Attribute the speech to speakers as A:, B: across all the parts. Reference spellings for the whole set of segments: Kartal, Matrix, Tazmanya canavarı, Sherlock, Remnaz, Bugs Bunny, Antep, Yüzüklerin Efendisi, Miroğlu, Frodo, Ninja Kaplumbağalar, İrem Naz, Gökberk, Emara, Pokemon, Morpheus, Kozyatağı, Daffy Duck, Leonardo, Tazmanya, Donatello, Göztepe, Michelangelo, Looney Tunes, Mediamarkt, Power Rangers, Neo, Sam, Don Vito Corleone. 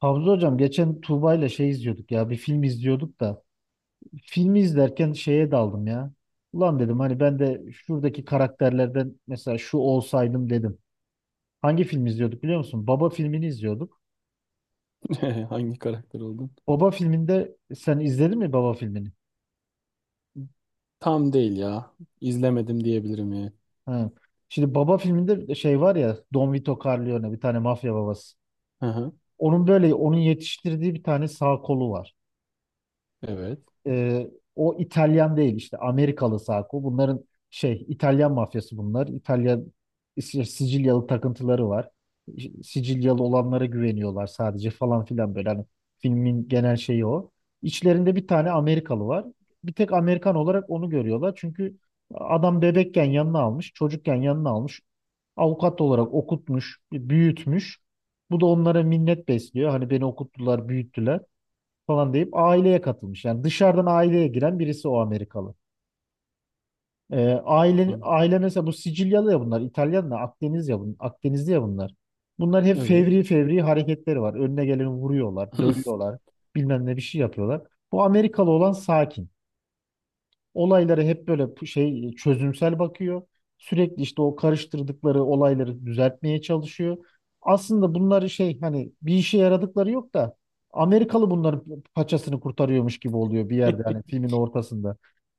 A: Havza hocam geçen Tuğba ile izliyorduk ya bir film izliyorduk da filmi izlerken şeye daldım ya. Ulan dedim hani ben de şuradaki karakterlerden mesela şu olsaydım dedim. Hangi film izliyorduk biliyor musun? Baba filmini izliyorduk.
B: Hangi karakter oldun?
A: Baba filminde sen izledin mi Baba filmini?
B: Tam değil ya. İzlemedim diyebilirim yani.
A: Ha. Şimdi Baba filminde şey var ya, Don Vito Corleone, bir tane mafya babası.
B: Hı hı.
A: Onun böyle yetiştirdiği bir tane sağ kolu var.
B: Evet.
A: e, O İtalyan değil, işte Amerikalı Sako. Bunların İtalyan mafyası bunlar. Sicilyalı takıntıları var. İşte Sicilyalı olanlara güveniyorlar sadece falan filan, böyle hani filmin genel şeyi o. İçlerinde bir tane Amerikalı var. Bir tek Amerikan olarak onu görüyorlar. Çünkü adam bebekken yanına almış, çocukken yanına almış. Avukat olarak okutmuş, büyütmüş. Bu da onlara minnet besliyor. Hani beni okuttular, büyüttüler falan deyip aileye katılmış. Yani dışarıdan aileye giren birisi o Amerikalı. Ee, aile,
B: An-
A: aile mesela bu Sicilyalı ya bunlar, İtalyan da Akdeniz ya Akdenizli ya bunlar. Bunlar hep
B: Evet.
A: fevri fevri hareketleri var. Önüne geleni vuruyorlar, dövüyorlar, bilmem ne bir şey yapıyorlar. Bu Amerikalı olan sakin, olaylara hep böyle çözümsel bakıyor. Sürekli işte o karıştırdıkları olayları düzeltmeye çalışıyor. Aslında bunları şey, hani bir işe yaradıkları yok da Amerikalı bunların paçasını kurtarıyormuş gibi oluyor bir yerde, hani filmin ortasında.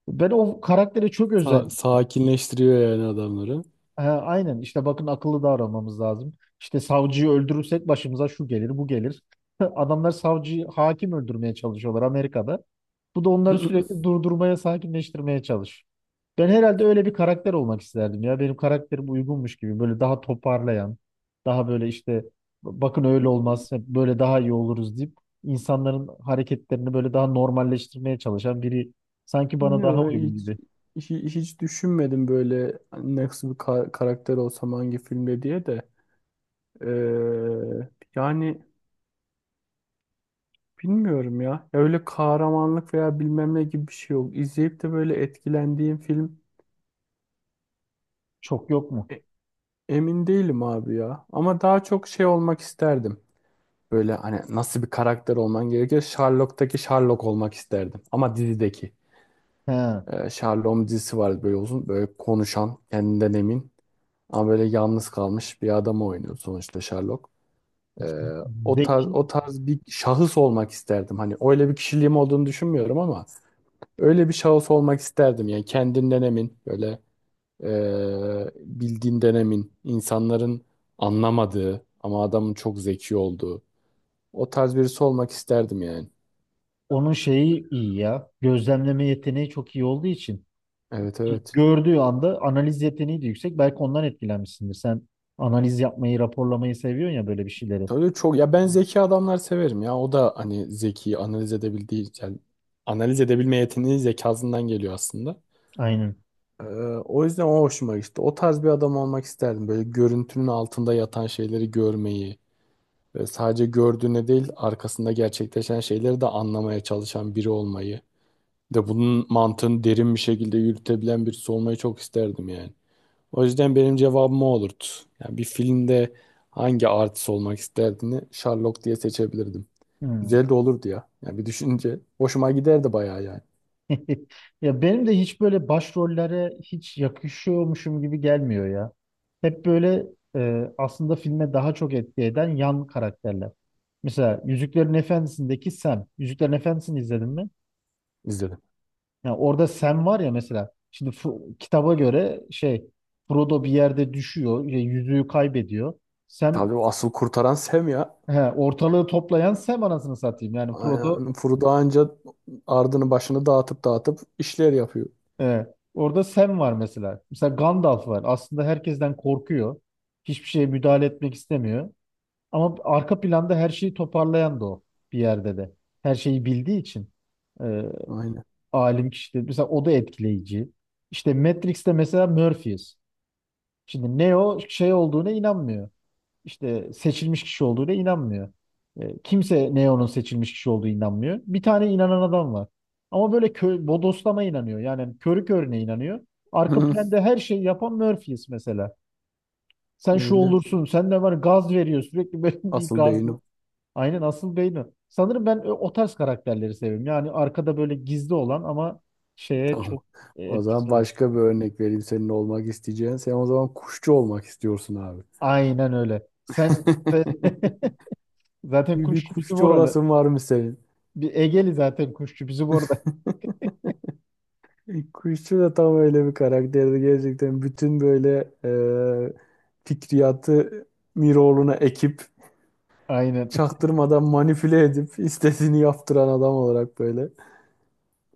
A: Ben o karaktere çok özen.
B: Sakinleştiriyor yani adamları.
A: He, aynen, işte bakın akıllı davranmamız lazım. İşte savcıyı öldürürsek başımıza şu gelir bu gelir. Adamlar savcıyı hakim öldürmeye çalışıyorlar Amerika'da. Bu da onları sürekli durdurmaya, sakinleştirmeye çalış. Ben herhalde öyle bir karakter olmak isterdim ya. Benim karakterim uygunmuş gibi, böyle daha toparlayan, daha böyle işte bakın öyle olmaz, hep böyle daha iyi oluruz deyip insanların hareketlerini böyle daha normalleştirmeye çalışan biri sanki bana
B: Ne
A: daha
B: böyle
A: uygun
B: hiç,
A: gibi.
B: hiç düşünmedim böyle nasıl bir karakter olsam hangi filmde diye de. Yani bilmiyorum ya. Ya öyle kahramanlık veya bilmem ne gibi bir şey yok. İzleyip de böyle etkilendiğim film
A: Çok yok mu?
B: e- emin değilim abi ya. Ama daha çok şey olmak isterdim. Böyle hani nasıl bir karakter olman gerekiyor? Sherlock'taki Sherlock olmak isterdim. Ama dizideki.
A: He.
B: Sherlock'un dizisi vardı böyle uzun. Böyle konuşan, kendinden emin. Ama böyle yalnız kalmış bir adamı oynuyor sonuçta Sherlock. Ee, o tarz,
A: Zeki.
B: o tarz bir şahıs olmak isterdim. Hani öyle bir kişiliğim olduğunu düşünmüyorum ama öyle bir şahıs olmak isterdim. Yani kendinden emin, böyle ee, bildiğinden emin, insanların anlamadığı ama adamın çok zeki olduğu. O tarz birisi olmak isterdim yani.
A: Onun şeyi iyi ya. Gözlemleme yeteneği çok iyi olduğu için
B: Evet, evet.
A: gördüğü anda analiz yeteneği de yüksek. Belki ondan etkilenmişsindir. Sen analiz yapmayı, raporlamayı seviyorsun ya, böyle bir şeyleri.
B: Tabii çok ya, ben zeki adamlar severim ya. O da hani zeki analiz edebildiği yani analiz edebilme yeteneği zekasından geliyor aslında.
A: Aynen.
B: Ee, O yüzden o hoşuma gitti. O tarz bir adam olmak isterdim. Böyle görüntünün altında yatan şeyleri görmeyi ve sadece gördüğüne değil arkasında gerçekleşen şeyleri de anlamaya çalışan biri olmayı. Bir de bunun mantığını derin bir şekilde yürütebilen birisi olmayı çok isterdim yani. O yüzden benim cevabım o olurdu. Yani bir filmde hangi artist olmak isterdini Sherlock diye seçebilirdim.
A: Hmm.
B: Güzel de olurdu ya. Yani bir düşünce hoşuma giderdi bayağı yani.
A: Ya benim de hiç böyle başrollere hiç yakışıyormuşum gibi gelmiyor ya. Hep böyle, aslında filme daha çok etki eden yan karakterler. Mesela Yüzüklerin Efendisi'ndeki Sam. Yüzüklerin Efendisi'ni izledin mi?
B: İzledim.
A: Ya orada Sam var ya mesela, şimdi kitaba göre şey, Frodo bir yerde düşüyor, şey, yüzüğü kaybediyor. Sam,
B: Tabii o asıl kurtaran Sam ya.
A: he, ortalığı toplayan Sam anasını satayım. Yani Frodo,
B: Aynen. Frodo anca ardını başını dağıtıp dağıtıp işler yapıyor.
A: e, orada Sam var mesela. Mesela Gandalf var. Aslında herkesten korkuyor. Hiçbir şeye müdahale etmek istemiyor. Ama arka planda her şeyi toparlayan da o, bir yerde de. Her şeyi bildiği için, e,
B: Aynen.
A: alim kişi de. Mesela o da etkileyici. İşte Matrix'te mesela Morpheus. Şimdi Neo şey olduğuna inanmıyor. İşte seçilmiş kişi olduğuna inanmıyor. Kimse Neo'nun seçilmiş kişi olduğuna inanmıyor. Bir tane inanan adam var. Ama böyle bodoslama inanıyor. Yani körü körüne inanıyor. Arka planda her şeyi yapan Murphy's mesela. Sen şu
B: Öyle.
A: olursun, sen de var, gaz veriyor sürekli böyle bir
B: Asıl
A: gaz.
B: beyin o.
A: Aynen, asıl beyni. Sanırım ben o tarz karakterleri seviyorum. Yani arkada böyle gizli olan ama şeye
B: Tamam.
A: çok,
B: O zaman
A: etkisi olan.
B: başka bir örnek vereyim senin olmak isteyeceğin. Sen o zaman kuşçu olmak istiyorsun abi.
A: Aynen öyle. Sen sen- zaten
B: Bir
A: kuşçu bizim
B: kuşçu
A: oralı.
B: olasın var mı senin?
A: Bir Egeli zaten kuşçu bizim orada.
B: E, kuşçu da tam öyle bir karakterdi gerçekten. Bütün böyle fikriyatı Miroğlu'na ekip
A: Aynen.
B: çaktırmadan manipüle edip istediğini yaptıran adam olarak böyle.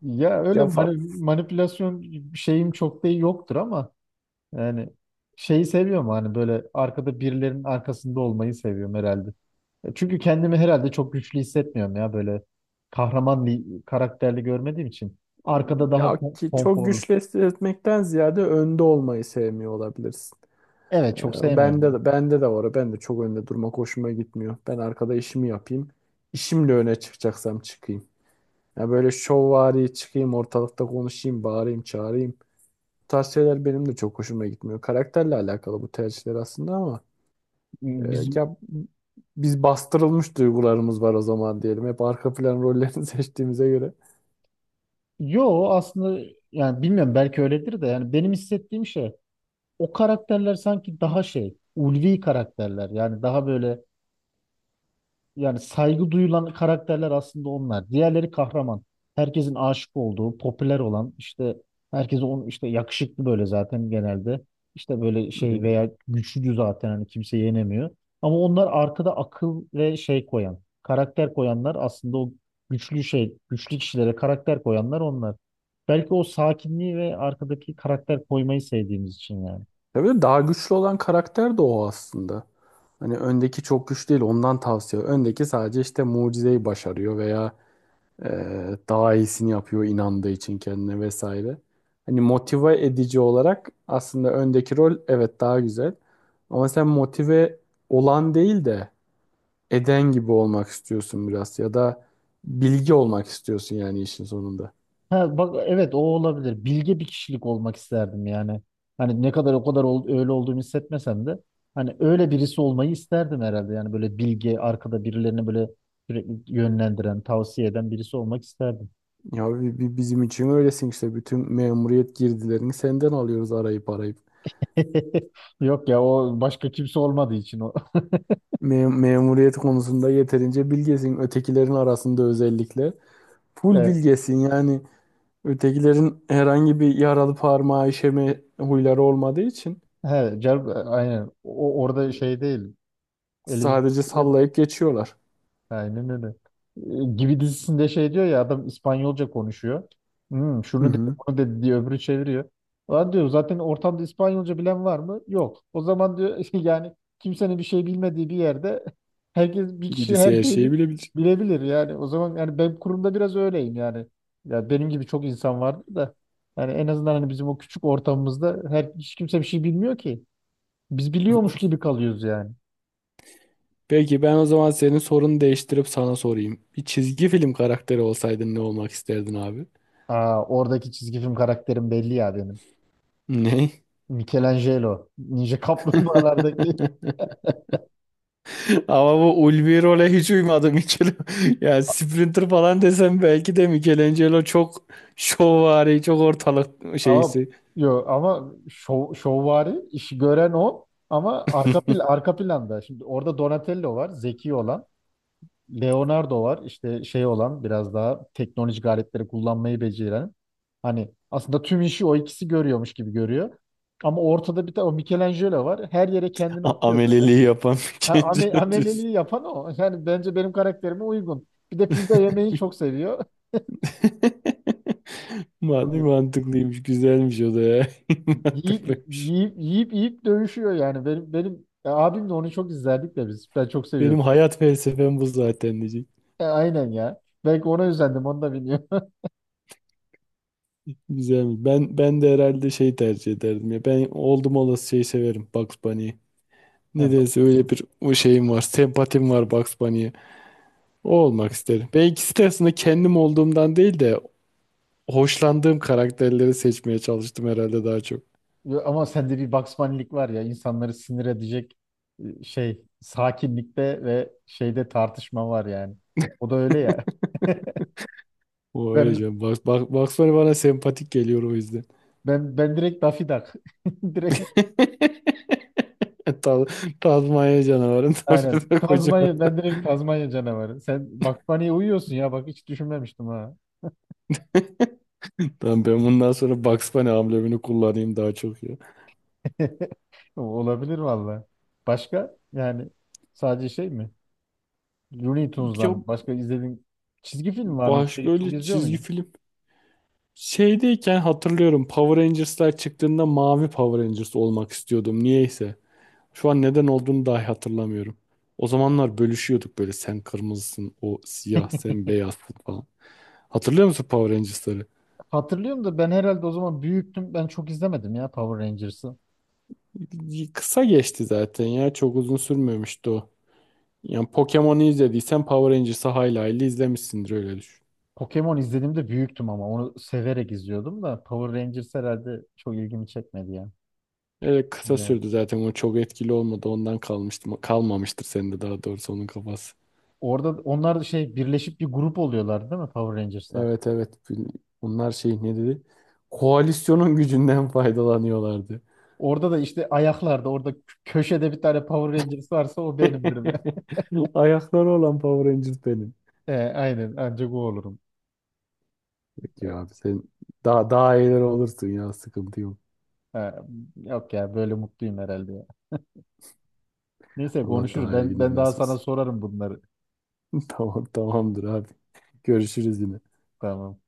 A: Ya öyle
B: Ya, fa-
A: manipülasyon şeyim çok da yoktur ama yani şeyi seviyorum, hani böyle arkada birilerinin arkasında olmayı seviyorum herhalde. E, çünkü kendimi herhalde çok güçlü hissetmiyorum ya, böyle kahraman bir karakterli görmediğim için. Arkada daha
B: Ya ki çok
A: konforlu.
B: güçlü etmekten ziyade önde olmayı sevmiyor olabilirsin.
A: Evet, çok
B: E,
A: sevmiyorum
B: bende
A: ben.
B: de bende de var. O. Ben de çok önde durmak hoşuma gitmiyor. Ben arkada işimi yapayım. İşimle öne çıkacaksam çıkayım. Ya böyle şovvari çıkayım ortalıkta konuşayım, bağırayım, çağırayım. Tarz şeyler benim de çok hoşuma gitmiyor. Karakterle alakalı bu tercihler aslında ama e,
A: Bizim,
B: ya biz bastırılmış duygularımız var o zaman diyelim. Hep arka plan rollerini seçtiğimize göre.
A: yo aslında yani bilmiyorum, belki öyledir de yani benim hissettiğim şey, o karakterler sanki daha şey ulvi karakterler, yani daha böyle. Yani saygı duyulan karakterler aslında onlar. Diğerleri kahraman. Herkesin aşık olduğu, popüler olan, işte herkese onun işte yakışıklı, böyle zaten genelde. İşte böyle şey
B: Evet.
A: veya güçlü, zaten hani kimse yenemiyor. Ama onlar arkada akıl ve şey koyan, karakter koyanlar aslında o güçlü şey, güçlü kişilere karakter koyanlar onlar. Belki o sakinliği ve arkadaki karakter koymayı sevdiğimiz için yani.
B: Tabii daha güçlü olan karakter de o aslında. Hani öndeki çok güçlü değil ondan tavsiye. Öndeki sadece işte mucizeyi başarıyor veya e, daha iyisini yapıyor inandığı için kendine vesaire. Hani motive edici olarak aslında öndeki rol evet daha güzel. Ama sen motive olan değil de eden gibi olmak istiyorsun biraz ya da bilgi olmak istiyorsun yani işin sonunda.
A: Ha, bak evet, o olabilir. Bilge bir kişilik olmak isterdim yani. Hani ne kadar o kadar öyle olduğumu hissetmesem de hani öyle birisi olmayı isterdim herhalde. Yani böyle bilge, arkada birilerini böyle sürekli yönlendiren, tavsiye eden birisi olmak isterdim.
B: Ya bizim için öylesin işte, bütün memuriyet girdilerini senden alıyoruz arayıp arayıp.
A: Yok ya, o başka kimse olmadığı için o.
B: Memuriyet konusunda yeterince bilgesin. Ötekilerin arasında özellikle full
A: E,
B: bilgesin yani, ötekilerin herhangi bir yaralı parmağı işeme huyları olmadığı için
A: he, aynen. O orada şey değil. Elimiz.
B: sadece sallayıp geçiyorlar.
A: Aynen öyle. Gibi dizisinde şey diyor ya, adam İspanyolca konuşuyor. Hmm,
B: Hı
A: şunu dedi,
B: hı.
A: bunu dedi diye öbürü çeviriyor. Lan diyor, zaten ortamda İspanyolca bilen var mı? Yok. O zaman diyor yani kimsenin bir şey bilmediği bir yerde herkes bir kişi her
B: Birisi her
A: şeyi
B: şeyi bilebilir.
A: bilebilir yani. O zaman yani ben kurumda biraz öyleyim yani. Ya benim gibi çok insan vardı da yani en azından hani bizim o küçük ortamımızda her hiç kimse bir şey bilmiyor ki. Biz biliyormuş gibi kalıyoruz yani.
B: Peki ben o zaman senin sorunu değiştirip sana sorayım. Bir çizgi film karakteri olsaydın ne olmak isterdin abi?
A: Aa, oradaki çizgi film karakterim belli ya benim.
B: Ne?
A: Michelangelo. Ninja Kaplumbağalardaki.
B: Ama bu ulvi role hiç uymadı Michel. Yani Sprinter falan desem belki de Michelangelo çok şovvari, çok ortalık
A: Ama
B: şeysi.
A: yo ama şovvari işi gören o, ama arka plan, arka planda. Şimdi orada Donatello var, zeki olan. Leonardo var, işte şey olan, biraz daha teknolojik aletleri kullanmayı beceren. Hani aslında tüm işi o ikisi görüyormuş gibi görüyor. Ama ortada bir tane o Michelangelo var. Her yere kendini atıyor böyle.
B: Ameleliği yapan
A: Ha,
B: Michelangelo diyorsun.
A: ameleliği yapan o. Yani bence benim karakterime uygun. Bir de pizza yemeyi çok seviyor.
B: Mantıklıymış, güzelmiş o da ya.
A: Yiyip
B: Mantıklıymış.
A: yiyip yiyip yiyip dövüşüyor yani. Benim abimle onu çok izlerdik de biz. Ben çok
B: Benim
A: seviyordum.
B: hayat felsefem bu zaten.
A: E, aynen ya. Belki ona özendim, onu da bilmiyorum.
B: Güzelmiş. Ben de herhalde şey tercih ederdim ya. Ben oldum olası şeyi severim, Bugs Bunny'yi.
A: Ya bak.
B: Nedense öyle bir o şeyim var. Sempatim var Bugs Bunny'ye. O olmak isterim. Ben ikisi de aslında kendim olduğumdan değil de hoşlandığım karakterleri seçmeye çalıştım herhalde daha çok.
A: Ama sende bir Bugs var ya, insanları sinir edecek, şey sakinlikte ve şeyde tartışma var yani. O da öyle ya.
B: O öyle
A: Ben
B: canım. Bugs Bunny bana sempatik geliyor o yüzden.
A: ben direkt Daffy Duck. Direkt
B: Ta- Tazmanya canavarından
A: aynen.
B: bir de kocaman.
A: Tazmanya, ben direkt Tazmanya canavarı. Sen Bugs Bunny'ye uyuyorsun ya, bak hiç düşünmemiştim ha.
B: Tamam, ben bundan sonra Bugs Bunny amblemini kullanayım daha çok ya.
A: Olabilir valla. Başka yani sadece şey mi? Looney
B: Ya
A: Tunes'dan başka izlediğin çizgi film var mı?
B: başka
A: Peki, çok
B: öyle
A: izliyor
B: çizgi
A: muydun?
B: film şeydeyken hatırlıyorum, Power Rangers'lar çıktığında mavi Power Rangers olmak istiyordum niyeyse. Şu an neden olduğunu dahi hatırlamıyorum. O zamanlar bölüşüyorduk böyle, sen kırmızısın, o siyah, sen beyazsın falan. Hatırlıyor musun Power Rangers'ları?
A: Hatırlıyorum da ben herhalde o zaman büyüktüm. Ben çok izlemedim ya Power Rangers'ı.
B: Kısa geçti zaten ya, çok uzun sürmemişti o. Yani Pokemon'u izlediysen Power Rangers'ı hayli hayli izlemişsindir, öyle düşün.
A: Pokemon izlediğimde büyüktüm ama onu severek izliyordum da Power Rangers herhalde çok ilgimi çekmedi ya.
B: Öyle kısa
A: Yani
B: sürdü zaten, o çok etkili olmadı, ondan kalmıştı. Kalmamıştır sende, daha doğrusu onun kafası.
A: orada onlar da şey birleşip bir grup oluyorlar değil mi Power Rangers'lar?
B: Evet, evet. Bunlar şey ne dedi? Koalisyonun gücünden faydalanıyorlardı.
A: Orada da işte ayaklarda, orada köşede bir tane Power Rangers varsa o benimdir be.
B: Ayakları olan Power Ranger benim.
A: E, aynen, ancak o olurum.
B: Peki
A: E,
B: abi sen daha daha iyiler olursun ya, sıkıntı yok.
A: ha, yok ya, böyle mutluyum herhalde ya. Neyse. Evet,
B: Allah
A: konuşuruz.
B: daha iyi
A: Ben
B: günler
A: ben daha
B: nasip
A: sana
B: etsin.
A: sorarım bunları.
B: Tamam, tamamdır abi. Görüşürüz yine.
A: Tamam.